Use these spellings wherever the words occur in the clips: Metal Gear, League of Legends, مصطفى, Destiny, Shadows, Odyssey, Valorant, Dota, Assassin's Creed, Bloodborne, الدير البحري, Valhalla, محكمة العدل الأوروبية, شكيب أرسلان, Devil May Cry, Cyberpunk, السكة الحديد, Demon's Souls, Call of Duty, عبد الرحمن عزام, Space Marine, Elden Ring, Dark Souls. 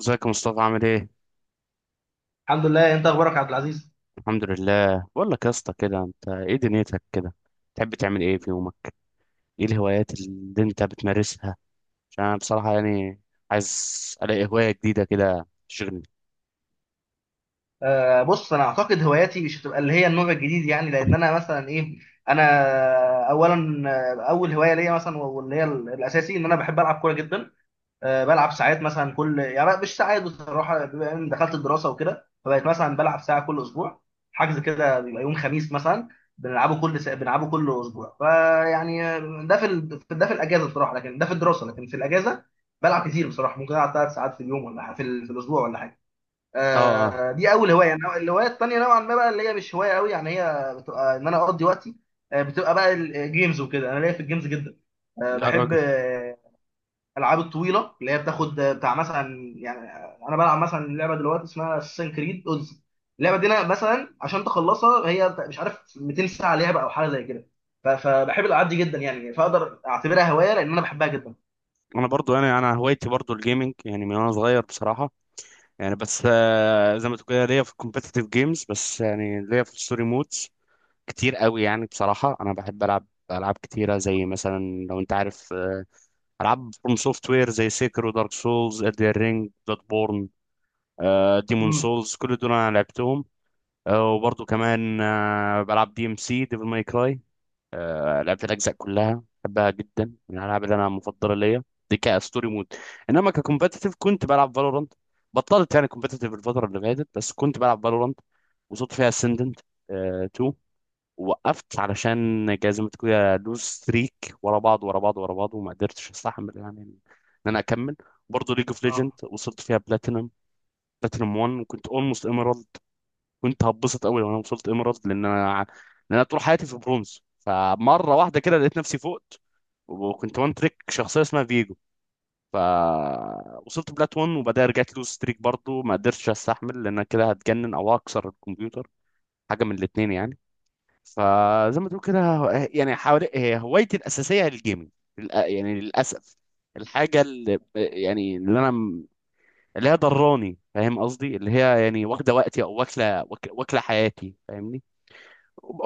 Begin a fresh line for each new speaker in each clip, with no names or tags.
ازيك يا مصطفى عامل ايه؟
الحمد لله. انت اخبارك يا عبد العزيز؟
الحمد لله، بقول لك يا اسطى كده انت ايه دنيتك كده؟ تحب تعمل ايه في يومك؟ ايه الهوايات اللي انت بتمارسها؟ عشان انا بصراحة يعني عايز الاقي هواية جديدة كده تشغلني.
بص، انا اعتقد هواياتي مش هتبقى اللي هي النوع الجديد، يعني لان انا مثلا ايه. انا اولا اول هوايه ليا مثلا، واللي هي الاساسي ان انا بحب العب كوره جدا. بلعب ساعات مثلا، يعني مش ساعات بصراحه، بما اني دخلت الدراسه وكده، فبقيت مثلا بلعب ساعه كل اسبوع. حجز كده بيبقى يوم خميس مثلا. بنلعبه كل اسبوع، فيعني ده في الاجازه بصراحه، لكن ده في الدراسه، لكن في الاجازه بلعب كتير بصراحه. ممكن العب 3 ساعات في اليوم، ولا في الاسبوع ولا حاجه.
اه اه.
دي اول هوايه. يعني الهوايه التانيه نوعا ما بقى، اللي هي مش هوايه قوي يعني، هي بتبقى ان انا اقضي وقتي. بتبقى بقى الجيمز وكده. انا ليا في الجيمز جدا.
يا
بحب
راجل.
الالعاب الطويله اللي هي بتاخد بتاع مثلا، يعني انا بلعب مثلا لعبه دلوقتي اسمها اساسن كريد اودز. اللعبه دي انا مثلا عشان تخلصها هي مش عارف 200 ساعه لعبه او حاجه زي كده. فبحب الالعاب دي جدا يعني. فاقدر اعتبرها هوايه لان انا بحبها جدا.
انا برضو يعني انا هوايتي برضو الجيمنج يعني من وانا صغير بصراحة. يعني بس زي ما تقول كده ليا في الكومبيتيتيف جيمز، بس يعني ليا في الستوري مودز كتير قوي، يعني بصراحة انا بحب العب العاب كتيرة زي مثلا، لو انت عارف العاب فروم سوفت وير زي سيكرو دارك سولز ادر رينج بلاد بورن ديمون
امم.
سولز، كل دول انا لعبتهم. وبرضه كمان بلعب دي ام سي ديفل ماي كراي، لعبت الاجزاء كلها، بحبها جدا، من الالعاب اللي انا مفضله ليا. دي كستوري مود. انما ككومبتيتيف كنت بلعب فالورانت، بطلت يعني كومبتيتيف الفتره اللي فاتت، بس كنت بلعب فالورانت وصلت فيها اسندنت 2. وقفت علشان جزمة كده لوز ستريك ورا بعض ورا بعض ورا بعض، وما قدرتش استحمل يعني ان انا اكمل. برضه ليج اوف ليجند
اه.
وصلت فيها بلاتينم، بلاتينم 1، وكنت اولموست ايميرالد، كنت هتبسط قوي لو انا وصلت ايميرالد، لان انا، لان انا طول حياتي في برونز، فمره واحده كده لقيت نفسي فوقت، وكنت وان تريك شخصيه اسمها فيجو، فوصلت بلات 1، وبعدها رجعت لوز ستريك برضه، ما قدرتش استحمل، لان انا كده هتجنن او هكسر الكمبيوتر، حاجه من الاثنين يعني. فزي ما تقول كده يعني حوالي، هي هوايتي الاساسيه هي الجيمنج. يعني للاسف، الحاجه اللي يعني اللي انا م- اللي هي ضراني، فاهم قصدي، اللي هي يعني واخده وقتي، او واكله حياتي فاهمني.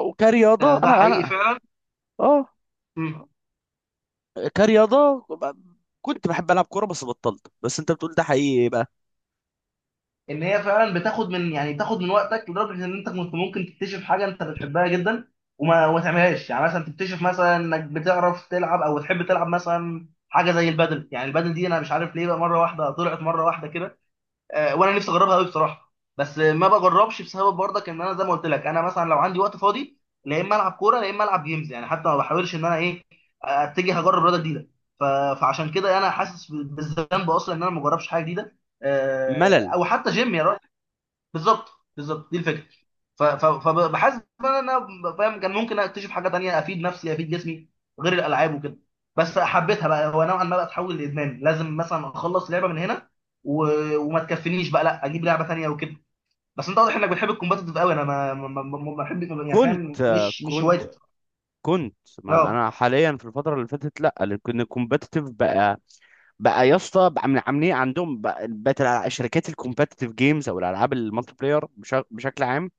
وكرياضه
ده
انا
حقيقي
انا.
فعلا.
اه.
مم.
كرياضه ب- كنت بحب العب كوره بس بطلت، بس انت بتقول ده حقيقي ايه بقى؟
ان هي فعلا بتاخد من، يعني بتاخد من وقتك لدرجه ان انت كنت ممكن تكتشف حاجه انت بتحبها جدا، وما تعملهاش. يعني مثلا تكتشف مثلا انك بتعرف تلعب او بتحب تلعب مثلا حاجه زي البادل. يعني البادل دي انا مش عارف ليه، بقى مره واحده طلعت مره واحده كده. وانا نفسي اجربها قوي بصراحه، بس ما بجربش بسبب، برضك ان انا زي ما قلت لك، انا مثلا لو عندي وقت فاضي، لا اما العب كوره، لا اما العب جيمز. يعني حتى ما بحاولش ان انا ايه، اتجه اجرب رياضه جديده. ف- فعشان كده انا حاسس بالذنب اصلا ان انا ما بجربش حاجه جديده،
ملل.
او حتى جيم يا راجل. بالظبط. بالظبط دي الفكره. فبحس ان انا فاهم كان ممكن اكتشف حاجه تانية، افيد نفسي، افيد جسمي غير الالعاب وكده. بس حبيتها بقى. هو نوعا ما بقى تحول لادمان، لازم مثلا اخلص لعبه من هنا و... وما تكفينيش بقى، لا اجيب لعبه تانية وكده. بس انت واضح انك بتحب الكومباتيتيف قوي. انا ما بحب، يعني
كنت
فاهم، مش
كنت
هوايتي.
كنت، ما
اه.
انا حاليا في الفتره اللي فاتت لا. لان الكومبتيتيف بقى، بقى يا اسطى، بقى عاملين عندهم، بقى بقت شركات الكومبتيتيف جيمز او الالعاب المالتي بلاير بشكل عام،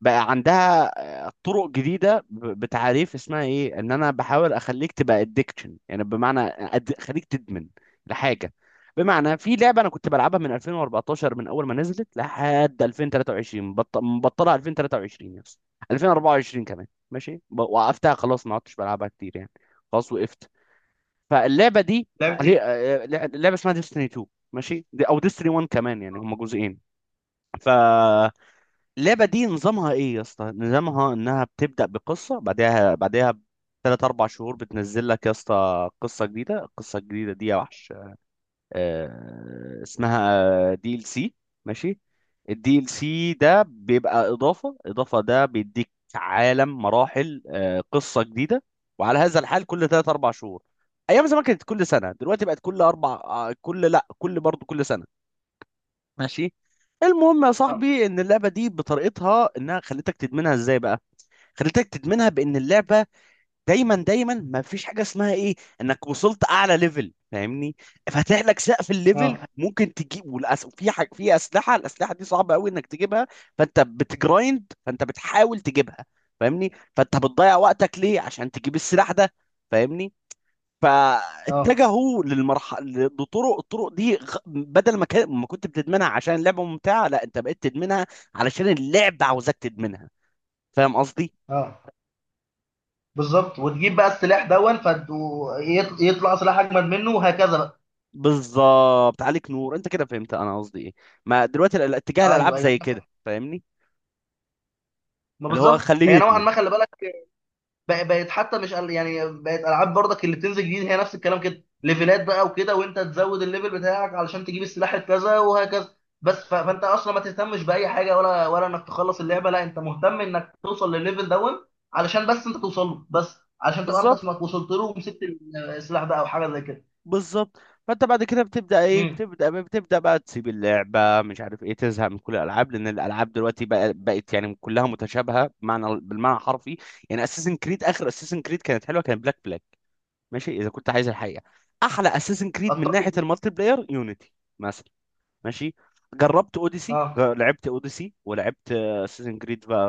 بقى عندها طرق جديده، بتعريف اسمها ايه، ان انا بحاول اخليك تبقى ادكشن، يعني بمعنى خليك تدمن لحاجه. بمعنى في لعبه انا كنت بلعبها من 2014، من اول ما نزلت، لحد 2023، مبطلها 2023 يا اسطى، 2024 كمان ماشي، وقفتها خلاص، ما عدتش بلعبها كتير يعني، خلاص وقفت. فاللعبه دي
لعبه
عليه،
ايه؟
لعبه اسمها ديستني 2 ماشي، دي او ديستني 1 كمان، يعني هما جزئين. فاللعبه دي نظامها ايه يا اسطى؟ نظامها انها بتبدا بقصه، بعدها بثلاث اربع شهور بتنزل لك يا اسطى قصه جديده. القصه الجديده دي يا وحش اسمها دي ال سي ماشي. الدي ال سي ده بيبقى اضافه، ده بيديك عالم مراحل، قصه جديده، وعلى هذا الحال كل 3 4 شهور. ايام زمان كانت كل سنه، دلوقتي بقت كل اربع، آه، كل لا كل برضه كل سنه ماشي. المهم يا
اه،
صاحبي ان اللعبه دي بطريقتها انها خلتك تدمنها ازاي بقى؟ خلتك تدمنها بان اللعبه دايما دايما، ما فيش حاجه اسمها ايه، انك وصلت اعلى ليفل فاهمني، فاتح لك سقف الليفل
اه،
ممكن تجيب، في حاجه، في اسلحه، الاسلحه دي صعبه قوي انك تجيبها، فانت بتجرايند، فانت بتحاول تجيبها فاهمني، فانت بتضيع وقتك ليه؟ عشان تجيب السلاح ده فاهمني.
اه،
فاتجهوا للمرحله، لطرق، الطرق دي بدل ما كان ما كنت بتدمنها عشان اللعبه ممتعه، لا انت بقيت تدمنها علشان اللعبه عاوزاك تدمنها، فاهم قصدي؟
اه. بالظبط. وتجيب بقى السلاح دون، يطلع سلاح اجمد منه وهكذا بقى.
بالظبط عليك نور، انت كده فهمت انا قصدي ايه. ما دلوقتي اتجاه
ايوه،
الالعاب
ايوه.
زي كده فاهمني،
ما
اللي هو
بالظبط،
خليه
هي نوعا
يدمن.
ما، خلي بالك، بقت حتى مش يعني بقت العاب برضك اللي بتنزل جديد هي نفس الكلام كده. ليفلات بقى وكده، وانت تزود الليفل بتاعك علشان تجيب السلاح الكذا وهكذا بس. فانت اصلا ما تهتمش باي حاجه، ولا انك تخلص اللعبه، لا انت مهتم انك توصل للليفل دون، علشان بس انت توصل له، بس علشان تبقى انت
بالظبط
اسمك وصلت له ومسكت السلاح ده او حاجه زي كده.
بالظبط. فانت بعد كده بتبدا ايه
امم.
بتبدا بتبدا بقى تسيب اللعبه، مش عارف ايه، تزهق من كل الالعاب، لان الالعاب دلوقتي بقى بقت يعني كلها متشابهه، بمعنى بالمعنى الحرفي. يعني اساسن كريد، اخر اساسن كريد كانت حلوه، كانت بلاك، ماشي، اذا كنت عايز الحقيقه احلى اساسن كريد من
اتفق
ناحيه
جدا.
المالتي بلاير يونيتي مثلا، ماشي. جربت اوديسي،
اه،
لعبت اوديسي، ولعبت اساسن كريد بقى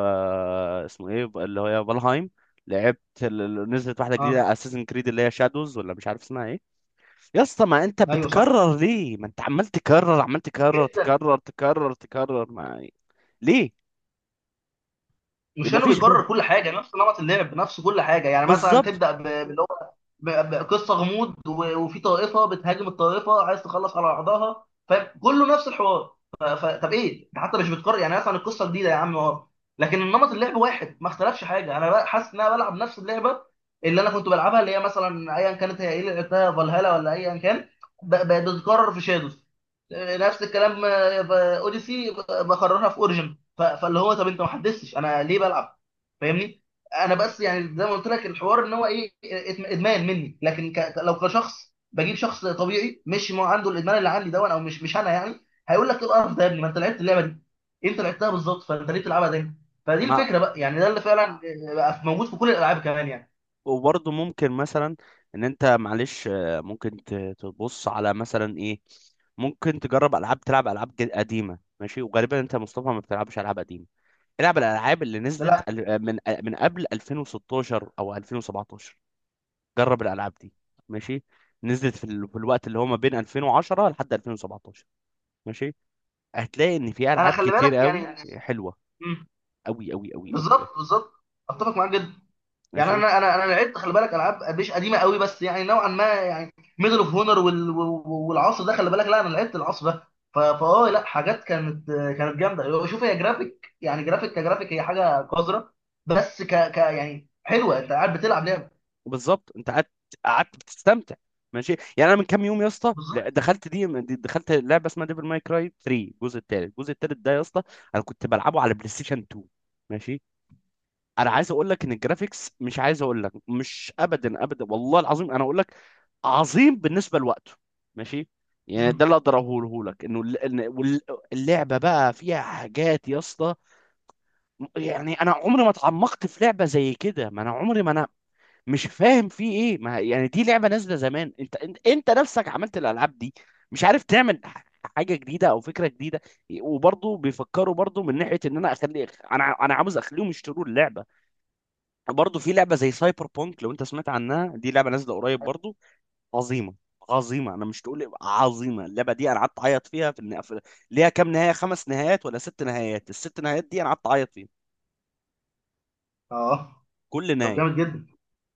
اسمه ايه بقى، اللي هي فالهايم. لعبت نزلت واحده
اه.
جديده اساسن كريد اللي هي شادوز، ولا مش عارف اسمها ايه. يا اسطى ما انت
ايوه صح،
بتكرر ليه؟ ما انت عمال تكرر
جدا.
تكرر، ما ليه؟
مش
ما
انه
فيش غير.
بيكرر كل حاجه، نفس نمط اللعب، نفس كل حاجه، يعني مثلا
بالظبط.
تبدا ب- ب قصه غموض وفي طائفه بتهاجم الطائفه عايز تخلص على بعضها فاهم، كله نفس الحوار. طب ايه، انت حتى مش بتكرر، يعني مثلا القصه جديده يا عم اه، لكن النمط اللعب واحد ما اختلفش حاجه. انا بقى حاسس ان انا بلعب نفس اللعبه اللي انا كنت بلعبها، اللي هي مثلا ايا كانت، هي ايه اللي لعبتها، فالهالا ولا ايا كان، بتتكرر في شادوز نفس الكلام. اوديسي بكررها في اوريجن. فاللي هو، طب انت ما حدثتش انا ليه بلعب، فاهمني. انا بس يعني زي ما قلت لك الحوار ان هو ايه، ادمان مني. لكن لو كشخص، بجيب شخص طبيعي مش ما عنده الادمان اللي عندي ده، او مش انا يعني، هيقول لك ايه القرف ده يا ابني، ما انت لعبت اللعبه دي، انت لعبتها بالظبط، فانت ليه بتلعبها تاني. فدي
ما
الفكره بقى. يعني ده اللي فعلا بقى موجود في كل الالعاب كمان يعني.
وبرضه ممكن مثلا ان انت معلش تبص على مثلا ايه، ممكن تجرب العاب، تلعب العاب قديمه ماشي، وغالبا انت يا مصطفى ما بتلعبش العاب قديمه. العب الالعاب اللي
لا،
نزلت من قبل 2016 او 2017، جرب الالعاب دي ماشي. نزلت في الوقت اللي هو ما بين 2010 لحد 2017 ماشي، هتلاقي ان في
انا
العاب
خلي
كتير
بالك
قوي
يعني.
حلوه،
مم.
قوي قوي قوي قوي قوي
بالظبط، بالظبط. اتفق معاك جدا. يعني
ماشي.
انا لعبت، خلي بالك، العاب مش قديمه قوي بس يعني نوعا ما، يعني ميدل اوف هونر والعصر ده، خلي بالك. لا انا لعبت العصر ده. فاه، لا، حاجات كانت جامده. شوف، هي جرافيك، يعني جرافيك كجرافيك هي حاجه قذره، بس ك ك يعني حلوه، انت قاعد بتلعب لعبه.
بالظبط انت قعدت، بتستمتع ماشي. يعني انا من كام يوم يا اسطى
بالظبط.
دخلت لعبه اسمها ديفل ماي كراي 3، الجزء الثالث، الجزء الثالث ده يا اسطى انا كنت بلعبه على بلاي ستيشن 2 ماشي. انا عايز اقول لك ان الجرافيكس، مش عايز اقول لك، مش ابدا ابدا والله العظيم، انا اقول لك عظيم بالنسبه لوقته ماشي. يعني ده
مم.
اللي اقدر اقوله لك، انه ال- إن- وال- اللعبه بقى فيها حاجات يا اسطى، يعني انا عمري ما اتعمقت في لعبه زي كده. ما انا عمري ما انا مش فاهم فيه ايه، ما يعني دي لعبه نازله زمان، انت نفسك عملت الالعاب دي، مش عارف تعمل حاجه جديده او فكره جديده. وبرضه بيفكروا برضه من ناحيه ان انا اخلي، انا عاوز اخليهم يشتروا اللعبه. برضه في لعبه زي سايبر بونك لو انت سمعت عنها، دي لعبه نازله قريب برضه، عظيمه، عظيمه انا مش تقول عظيمه، اللعبه دي انا قعدت اعيط فيها في النهايه، ليها كام نهايه، خمس نهايات ولا ست نهايات، الست نهايات دي انا قعدت اعيط فيها
اه.
كل
طب
نهايه.
جامد جدا.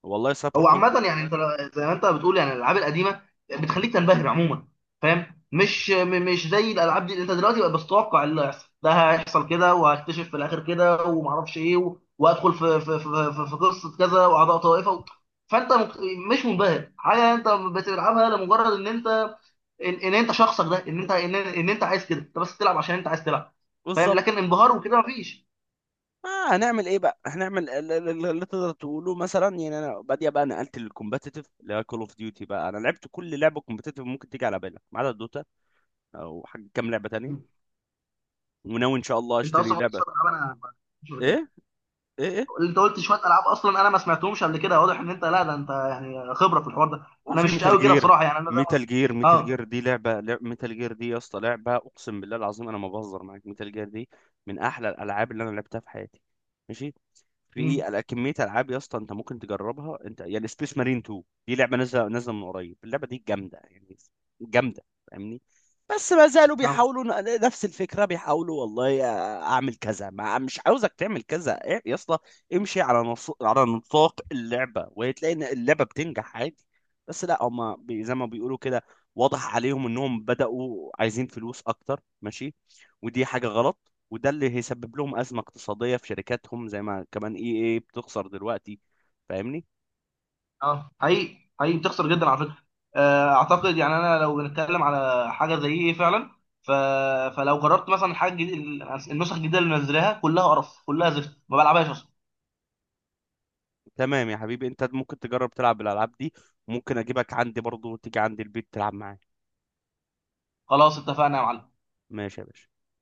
والله سايبر
هو
بونك.
عامة، يعني انت زي ما انت بتقول، يعني الالعاب القديمة بتخليك تنبهر عموما، فاهم؟ مش مش زي الالعاب دي، انت دلوقتي بقى بتتوقع اللي هيحصل، ده هيحصل كده، وهكتشف في الاخر كده، ومعرفش ايه، وادخل في قصة كذا واعضاء طائفة فانت مش منبهر حاجة، انت بتلعبها لمجرد ان انت، ان انت شخصك ده، ان انت، ان انت عايز كده، انت بس تلعب عشان انت عايز تلعب، فاهم؟
بالظبط.
لكن انبهار وكده مفيش.
آه هنعمل ايه بقى، هنعمل اللي تقدر تقوله مثلا، يعني انا بادية بقى نقلت للكومبتيتيف اللي هي كول اوف ديوتي بقى، انا لعبت كل لعبه كومبتيتيف ممكن تيجي على بالك ما عدا دوتا او حاجه، كام لعبه تانية، وناوي ان شاء الله
انت
اشتري
اصلا
لعبه.
بتصل العاب، انا مش كده.
ايه ايه ايه.
اللي انت قلت شويه العاب اصلا، انا ما سمعتهمش قبل كده، واضح ان انت، لا ده انت يعني خبره في الحوار ده، انا
وفي
مش
ميتال
قوي كده
جير،
بصراحه. يعني انا زي ما،
ميتال جير،
اه.
ميتال جير دي يا اسطى لعبه، اقسم بالله العظيم انا ما بهزر معاك، ميتال جير دي من احلى الالعاب اللي انا لعبتها في حياتي ماشي. في
مم.
على كميه العاب يا اسطى انت ممكن تجربها، انت يعني سبيس مارين 2، دي لعبه نازله، نازله من قريب، اللعبه دي جامده يعني، جامده فاهمني، بس ما زالوا
اه،
بيحاولوا نفس الفكره، بيحاولوا والله اعمل كذا، ما مش عاوزك تعمل كذا، إيه يا اسطى، امشي على على نطاق اللعبه، وهتلاقي ان اللعبه بتنجح عادي. بس لا هما زي ما بيقولوا كده، واضح عليهم انهم بداوا عايزين فلوس اكتر ماشي، ودي حاجه غلط، وده اللي هيسبب لهم أزمة اقتصادية في شركاتهم زي ما كمان اي اي بتخسر دلوقتي فاهمني.
اه، حقيقي حقيقي بتخسر جدا على فكره. اعتقد يعني انا لو بنتكلم على حاجه زي ايه فعلا. ف... فلو جربت مثلا حاجه جديد... النسخ الجديده اللي منزلاها كلها قرف، كلها زفت ما بلعبهاش اصلا.
تمام يا حبيبي، انت ممكن تجرب تلعب بالألعاب دي، ممكن اجيبك عندي برضو، وتيجي عندي البيت تلعب معايا.
خلاص اتفقنا يا معلم.
ماشي يا باشا.